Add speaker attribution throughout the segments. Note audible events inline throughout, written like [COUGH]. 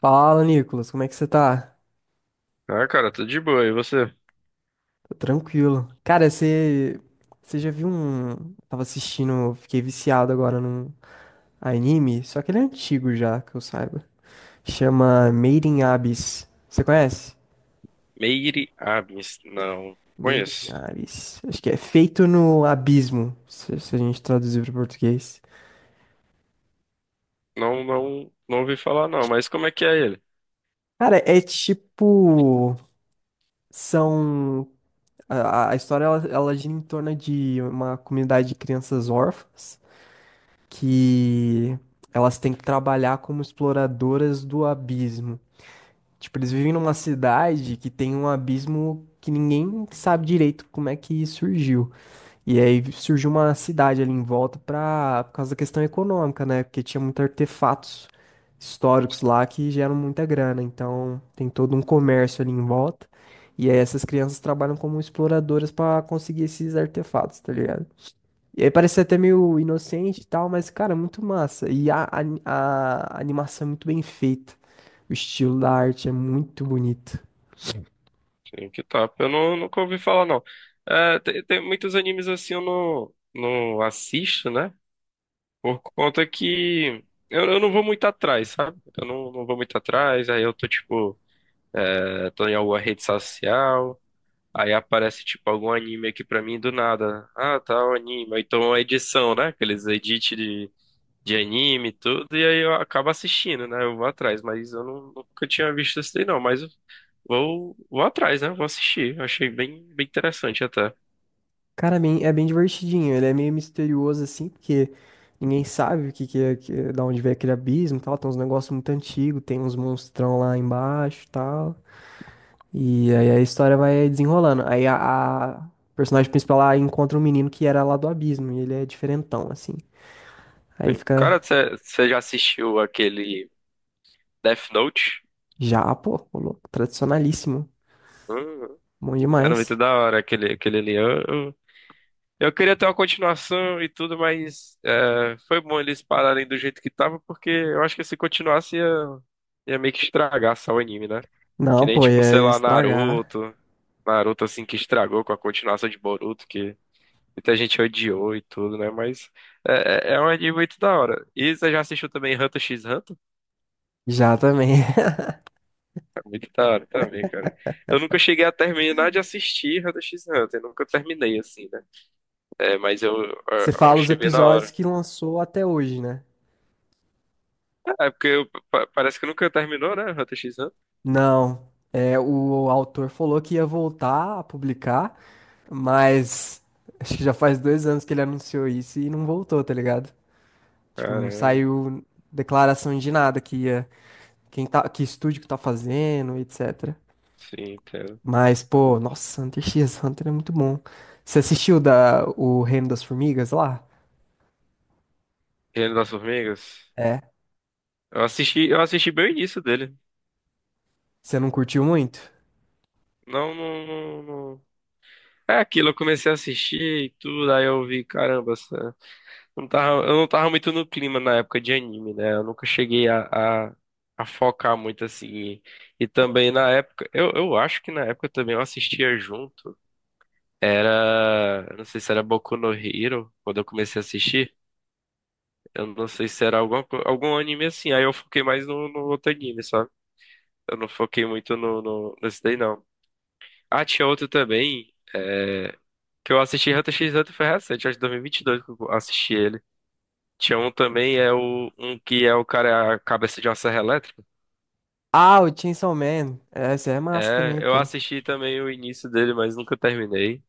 Speaker 1: Fala, Nicolas, como é que você tá?
Speaker 2: Ah, cara, tudo de boa. E você?
Speaker 1: Tô tranquilo. Cara, você já viu um. Tava assistindo, fiquei viciado agora num anime, só que ele é antigo já, que eu saiba. Chama Made in Abyss. Você conhece?
Speaker 2: Meire Abins. Não.
Speaker 1: Made in
Speaker 2: Conheço.
Speaker 1: Abyss. Acho que é feito no abismo, se a gente traduzir para português.
Speaker 2: Não, não ouvi falar, não. Mas como é que é ele?
Speaker 1: Cara, é tipo. São. A história ela gira em torno de uma comunidade de crianças órfãs que elas têm que trabalhar como exploradoras do abismo. Tipo, eles vivem numa cidade que tem um abismo que ninguém sabe direito como é que surgiu. E aí surgiu uma cidade ali em volta pra, por causa da questão econômica, né? Porque tinha muitos artefatos históricos lá que geram muita grana. Então tem todo um comércio ali em volta. E aí essas crianças trabalham como exploradoras pra conseguir esses artefatos, tá ligado? E aí parecia até meio inocente e tal, mas, cara, muito massa. E a animação é muito bem feita. O estilo da arte é muito bonito.
Speaker 2: Sim, que top. Eu não, nunca ouvi falar, não. É, tem muitos animes assim eu não assisto, né? Por conta que eu não vou muito atrás, sabe? Eu não vou muito atrás. Aí eu tô, tipo, tô em alguma rede social. Aí aparece, tipo, algum anime aqui pra mim do nada. Ah, tá, o anime. Ou então, a edição, né? Aqueles edits de anime e tudo, e aí eu acabo assistindo, né? Eu vou atrás, mas eu não, nunca tinha visto esse daí, não. Mas eu vou atrás, né? Vou assistir. Eu Achei bem interessante até.
Speaker 1: Cara, é bem divertidinho. Ele é meio misterioso, assim, porque ninguém sabe o que, que é- da onde vem aquele abismo e tal. Tem uns negócios muito antigos, tem uns monstrão lá embaixo e tal. E aí a história vai desenrolando. Aí a personagem principal lá encontra um menino que era lá do abismo, e ele é diferentão, assim. Aí fica
Speaker 2: Cara, você já assistiu aquele Death Note?
Speaker 1: já, pô, ô louco, tradicionalíssimo.
Speaker 2: Hum,
Speaker 1: Bom
Speaker 2: cara, muito
Speaker 1: demais.
Speaker 2: da hora aquele ali. Eu queria ter uma continuação e tudo, mas é, foi bom eles pararem do jeito que tava, porque eu acho que se continuasse ia meio que estragar só o anime, né? Que
Speaker 1: Não,
Speaker 2: nem,
Speaker 1: pô,
Speaker 2: tipo,
Speaker 1: ia
Speaker 2: sei lá,
Speaker 1: estragar.
Speaker 2: Naruto. Naruto assim que estragou com a continuação de Boruto, que muita gente odiou e tudo, né? Mas é, é um anime muito da hora. E você já assistiu também Hunter x Hunter?
Speaker 1: Já também.
Speaker 2: É muito da hora também, cara. Eu nunca cheguei a terminar de assistir Hunter x Hunter, nunca terminei assim, né? É, mas eu, eu-
Speaker 1: [LAUGHS] Você
Speaker 2: eu
Speaker 1: fala os
Speaker 2: achei bem da
Speaker 1: episódios
Speaker 2: hora.
Speaker 1: que lançou até hoje, né?
Speaker 2: É, porque parece que nunca terminou, né? Hunter x Hunter.
Speaker 1: Não. É, o autor falou que ia voltar a publicar, mas acho que já faz 2 anos que ele anunciou isso e não voltou, tá ligado? Tipo, não
Speaker 2: Caramba,
Speaker 1: saiu declaração de nada que ia, quem tá, que estúdio que tá fazendo, etc.
Speaker 2: sim, entendo.
Speaker 1: Mas, pô, nossa, Hunter x Hunter é muito bom. Você assistiu da, o Reino das Formigas lá?
Speaker 2: Reino das Formigas?
Speaker 1: É.
Speaker 2: Eu assisti bem o início dele.
Speaker 1: Você não curtiu muito?
Speaker 2: Não, não. É aquilo, eu comecei a assistir e tudo, aí eu vi, caramba, eu não tava muito no clima na época de anime, né? Eu nunca cheguei a focar muito assim. E também na época, eu acho que na época também eu assistia junto. Era, eu não sei se era Boku no Hero, quando eu comecei a assistir. Eu não sei se era algum anime assim. Aí eu foquei mais no outro anime, sabe? Eu não foquei muito nesse daí, não. Ah, tinha outro também. Que eu assisti Hunter x Hunter foi recente, acho que 2022 que eu assisti ele. Tinha um também, é o um que é o cara é a cabeça de uma serra elétrica.
Speaker 1: Ah, o Chainsaw Man. Essa é massa
Speaker 2: É,
Speaker 1: também,
Speaker 2: eu
Speaker 1: pô.
Speaker 2: assisti também o início dele, mas nunca terminei.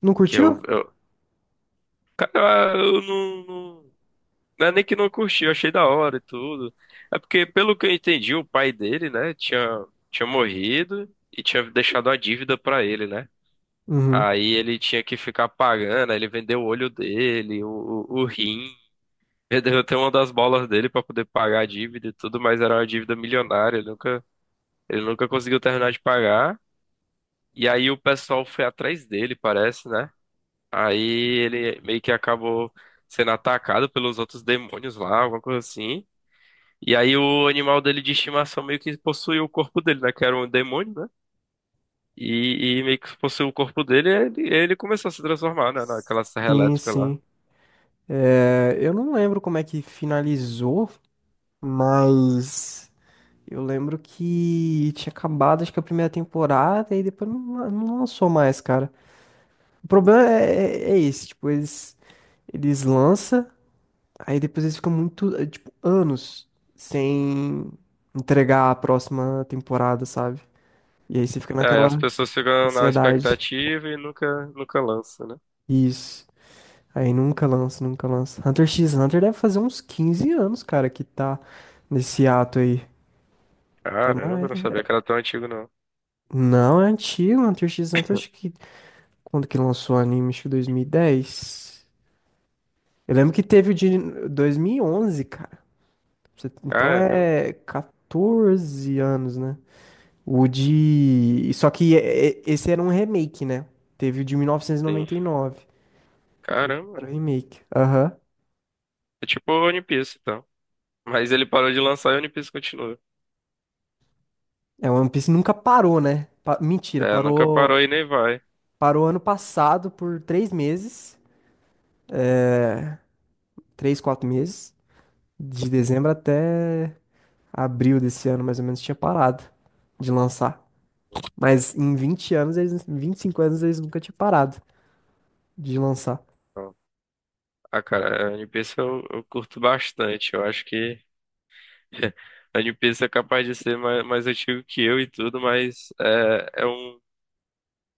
Speaker 1: Não
Speaker 2: Que
Speaker 1: curtiu?
Speaker 2: eu cara, eu não, não, não é nem que não curti, eu achei da hora e tudo. É porque, pelo que eu entendi, o pai dele, né, tinha morrido e tinha deixado a dívida pra ele, né?
Speaker 1: Uhum.
Speaker 2: Aí ele tinha que ficar pagando, aí ele vendeu o olho dele, o rim. Ele derrotei uma das bolas dele pra poder pagar a dívida e tudo, mas era uma dívida milionária, ele nunca conseguiu terminar de pagar. E aí o pessoal foi atrás dele, parece, né? Aí ele meio que acabou sendo atacado pelos outros demônios lá, alguma coisa assim. E aí o animal dele de estimação meio que possuiu o corpo dele, né? Que era um demônio, né? E meio que possuiu o corpo dele, e ele começou a se transformar, né? Naquela serra
Speaker 1: Sim,
Speaker 2: elétrica lá.
Speaker 1: sim. É, eu não lembro como é que finalizou, mas eu lembro que tinha acabado, acho que a primeira temporada e depois não lançou mais, cara. O problema é esse, tipo, eles lançam, aí depois eles ficam muito, tipo, anos sem entregar a próxima temporada, sabe? E aí você fica
Speaker 2: É, as
Speaker 1: naquela
Speaker 2: pessoas ficam na
Speaker 1: ansiedade.
Speaker 2: expectativa e nunca lança, né?
Speaker 1: Isso. Aí nunca lança, nunca lança. Hunter x Hunter deve fazer uns 15 anos, cara, que tá nesse ato aí. Até
Speaker 2: Caramba,
Speaker 1: mais.
Speaker 2: não sabia que era tão antigo, não.
Speaker 1: Não, é antigo. Hunter x Hunter, acho que. Quando que lançou o anime? Acho que 2010. Eu lembro que teve o de 2011, cara. Você- Então
Speaker 2: Caramba,
Speaker 1: é 14 anos, né? O de. Só que esse era um remake, né? Teve o de
Speaker 2: sim.
Speaker 1: 1999. Aí
Speaker 2: Caramba.
Speaker 1: Fizeram o remake. Aham.
Speaker 2: É tipo o One Piece, então. Mas ele parou de lançar e o One Piece continua.
Speaker 1: É, One Piece nunca parou, né? Pa- Mentira,
Speaker 2: É, nunca
Speaker 1: parou.
Speaker 2: parou e nem vai.
Speaker 1: Parou ano passado por 3 meses, 3, 4 meses, de dezembro até abril desse ano, mais ou menos, tinha parado de lançar. Mas em 20 anos, eles, em 25 anos, eles nunca tinham parado de lançar.
Speaker 2: Então, ah, cara, é, One Piece eu curto bastante. Eu acho que [LAUGHS] a One Piece é capaz de ser mais antigo que eu e tudo, mas é, é um.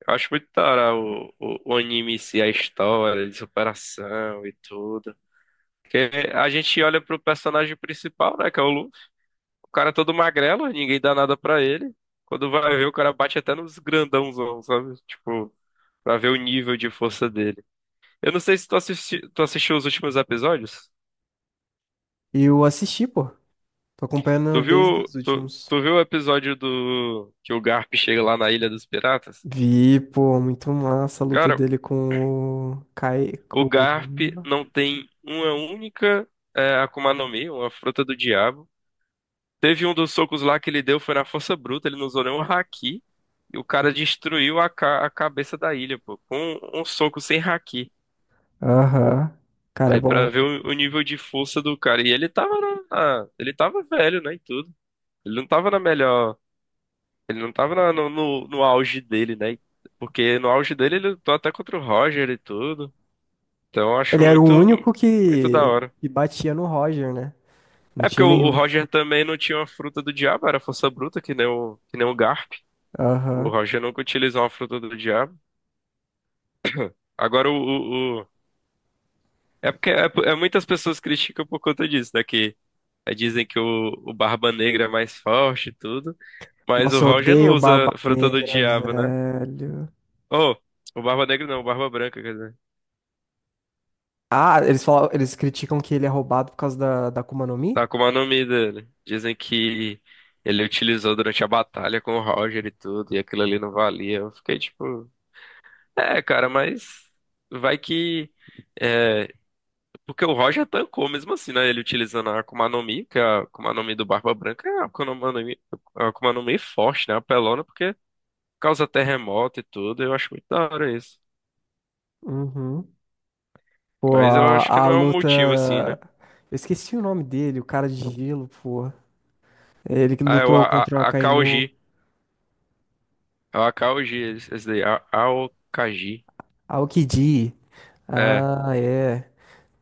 Speaker 2: Eu acho muito da hora o anime em si, a história de superação e tudo. Porque a gente olha pro personagem principal, né, que é o cara é todo magrelo, ninguém dá nada pra ele. Quando vai ver, o cara bate até nos grandãozão, sabe? Tipo, pra ver o nível de força dele. Eu não sei se tu assisti, tu assistiu os últimos episódios.
Speaker 1: E eu assisti, pô. Tô
Speaker 2: Tu
Speaker 1: acompanhando
Speaker 2: viu,
Speaker 1: desde os
Speaker 2: tu,
Speaker 1: últimos.
Speaker 2: tu viu o episódio do que o Garp chega lá na Ilha dos Piratas?
Speaker 1: Vi, pô, muito massa a luta
Speaker 2: Cara,
Speaker 1: dele com o Kai,
Speaker 2: o
Speaker 1: com...
Speaker 2: Garp
Speaker 1: o-
Speaker 2: não tem uma única Akuma no Mi, uma fruta do diabo. Teve um dos socos lá que ele deu, foi na força bruta, ele não usou nenhum haki. E o cara destruiu a cabeça da ilha, pô, com um soco sem haki.
Speaker 1: Aham. Cara, é
Speaker 2: Aí
Speaker 1: bom.
Speaker 2: pra ver o nível de força do cara. E ele tava ele tava velho, né, e tudo. Ele não tava na melhor, ele não tava no auge dele, né? Porque no auge dele ele lutou até contra o Roger e tudo. Então eu acho
Speaker 1: Ele era o único
Speaker 2: muito da hora.
Speaker 1: que batia no Roger, né? Não
Speaker 2: É porque
Speaker 1: tinha
Speaker 2: o
Speaker 1: nenhum.
Speaker 2: Roger também não tinha uma fruta do diabo, era força bruta, que nem o Garp. O
Speaker 1: Aham.
Speaker 2: Roger nunca utilizou uma fruta do diabo. Agora É porque é, é muitas pessoas criticam por conta disso, né? Que é, dizem que o Barba Negra é mais forte e tudo. Mas o
Speaker 1: Nossa, eu
Speaker 2: Roger não
Speaker 1: odeio
Speaker 2: usa
Speaker 1: Barba
Speaker 2: fruta do
Speaker 1: Negra,
Speaker 2: diabo, né?
Speaker 1: velho.
Speaker 2: Oh, o Barba Negra não, o Barba Branca, quer dizer.
Speaker 1: Ah, eles falam, eles criticam que ele é roubado por causa da Akuma no Mi?
Speaker 2: Tá como é o nome dele. Dizem que ele utilizou durante a batalha com o Roger e tudo, e aquilo ali não valia. Eu fiquei tipo. É, cara, mas vai que. é, Porque o Roger tancou mesmo assim, né? Ele utilizando a Akuma no Mi, que é a Akuma no Mi do Barba Branca, é a Akuma no Mi forte, né? Apelona, porque causa terremoto e tudo. Eu acho muito da hora isso.
Speaker 1: Uhum. Pô,
Speaker 2: Mas eu acho que
Speaker 1: a
Speaker 2: não é um motivo assim,
Speaker 1: luta.
Speaker 2: né?
Speaker 1: Eu esqueci o nome dele, o cara de gelo, pô. Ele que
Speaker 2: Ah, é o
Speaker 1: lutou contra o Akainu.
Speaker 2: Akaoji. É o Akaoji, esse daí. A- Aokaji.
Speaker 1: Aokiji.
Speaker 2: É.
Speaker 1: Ah, é.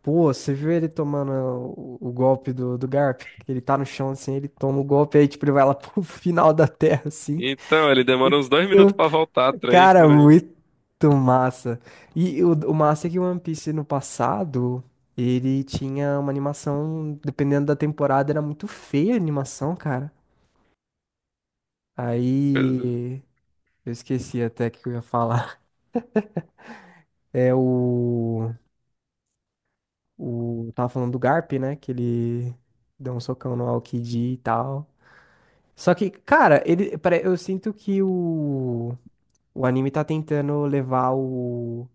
Speaker 1: Pô, você viu ele tomando o golpe do Garp? Que ele tá no chão assim, ele toma o golpe aí, tipo, ele vai lá [LAUGHS] pro final da terra, assim.
Speaker 2: Então, ele demora uns dois minutos
Speaker 1: Muito,
Speaker 2: pra voltar, três
Speaker 1: cara,
Speaker 2: por aí.
Speaker 1: muito massa. E o massa é que o One Piece no passado, ele tinha uma animação, dependendo da temporada, era muito feia a animação, cara.
Speaker 2: É
Speaker 1: Aí. Eu esqueci até o que eu ia falar. É o. O, tava falando do Garp, né? Que ele deu um socão no Aokiji e tal. Só que, cara, ele, pare- eu sinto que o anime tá tentando levar o,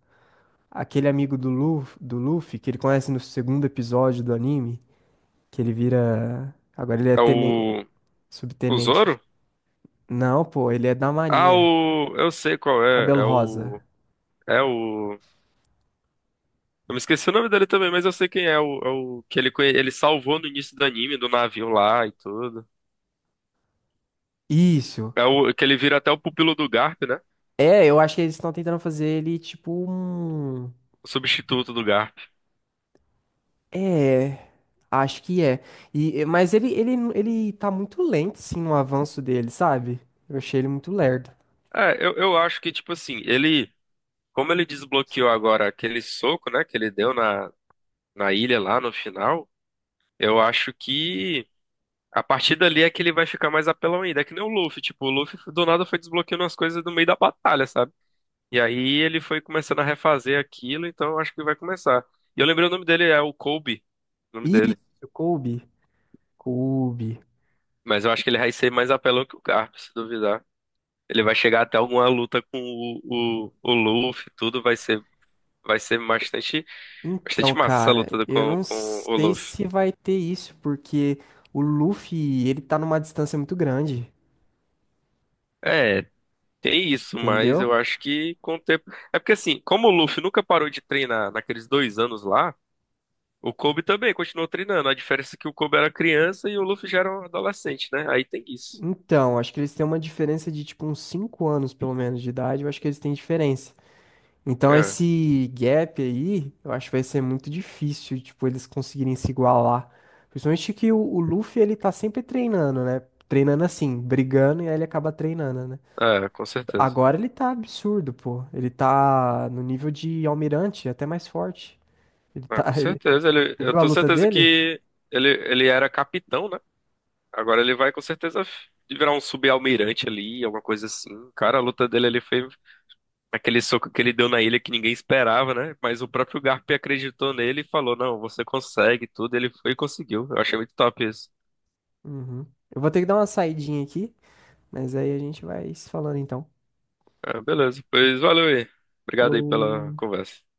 Speaker 1: aquele amigo do Luffy, que ele conhece no 2º episódio do anime, que ele vira. Agora ele é tenen,
Speaker 2: o. O
Speaker 1: subtenente.
Speaker 2: Zoro?
Speaker 1: Não, pô, ele é da
Speaker 2: Ah,
Speaker 1: Marinha.
Speaker 2: o. Eu sei qual é.
Speaker 1: Cabelo
Speaker 2: É o.
Speaker 1: rosa.
Speaker 2: É o. Eu me esqueci o nome dele também, mas eu sei quem é. O, é o que ele, ele salvou no início do anime, do navio lá e tudo.
Speaker 1: Isso.
Speaker 2: É o que ele vira até o pupilo do Garp, né?
Speaker 1: É, eu acho que eles estão tentando fazer ele tipo um.
Speaker 2: O substituto do Garp.
Speaker 1: É, acho que é. E, mas ele tá muito lento, assim, no avanço dele, sabe? Eu achei ele muito lerdo.
Speaker 2: É, eu acho que, tipo assim, ele. Como ele desbloqueou agora aquele soco, né? Que ele deu na ilha lá no final. Eu acho que. A partir dali é que ele vai ficar mais apelão ainda. É que nem o Luffy. Tipo, o Luffy do nada foi desbloqueando as coisas no meio da batalha, sabe? E aí ele foi começando a refazer aquilo, então eu acho que vai começar. E eu lembrei o nome dele, é o Kobe, o nome dele.
Speaker 1: Isso, Kobe. Kobe.
Speaker 2: Mas eu acho que ele vai ser mais apelão que o Garp, se duvidar. Ele vai chegar até alguma luta com o Luffy, tudo vai ser bastante, bastante
Speaker 1: Então,
Speaker 2: massa essa
Speaker 1: cara,
Speaker 2: luta
Speaker 1: eu não
Speaker 2: com o
Speaker 1: sei
Speaker 2: Luffy.
Speaker 1: se vai ter isso, porque o Luffy, ele tá numa distância muito grande,
Speaker 2: É, tem isso, mas
Speaker 1: entendeu?
Speaker 2: eu acho que com o tempo. É porque assim, como o Luffy nunca parou de treinar naqueles 2 anos lá. O Kobe também continuou treinando. A diferença é que o Kobe era criança e o Luffy já era um adolescente, né? Aí tem isso.
Speaker 1: Então, acho que eles têm uma diferença de, tipo, uns 5 anos, pelo menos, de idade. Eu acho que eles têm diferença. Então
Speaker 2: É,
Speaker 1: esse gap aí, eu acho que vai ser muito difícil, tipo, eles conseguirem se igualar. Principalmente que o Luffy, ele tá sempre treinando, né? Treinando assim, brigando, e aí ele acaba treinando, né?
Speaker 2: é, com certeza.
Speaker 1: Agora ele tá absurdo, pô. Ele tá no nível de almirante, até mais forte. Ele
Speaker 2: Ah, com
Speaker 1: tá, [LAUGHS] ele...
Speaker 2: certeza. Ele,
Speaker 1: Você
Speaker 2: eu
Speaker 1: viu a
Speaker 2: tenho
Speaker 1: luta
Speaker 2: certeza
Speaker 1: dele?
Speaker 2: que ele era capitão, né? Agora ele vai com certeza virar um subalmirante ali, alguma coisa assim. Cara, a luta dele ali foi aquele soco que ele deu na ilha que ninguém esperava, né? Mas o próprio Garp acreditou nele e falou: Não, você consegue tudo. Ele foi e conseguiu. Eu achei muito top isso.
Speaker 1: Uhum. Eu vou ter que dar uma saidinha aqui, mas aí a gente vai se falando então.
Speaker 2: É, beleza, pois valeu aí. Obrigado aí pela
Speaker 1: Falou!
Speaker 2: conversa.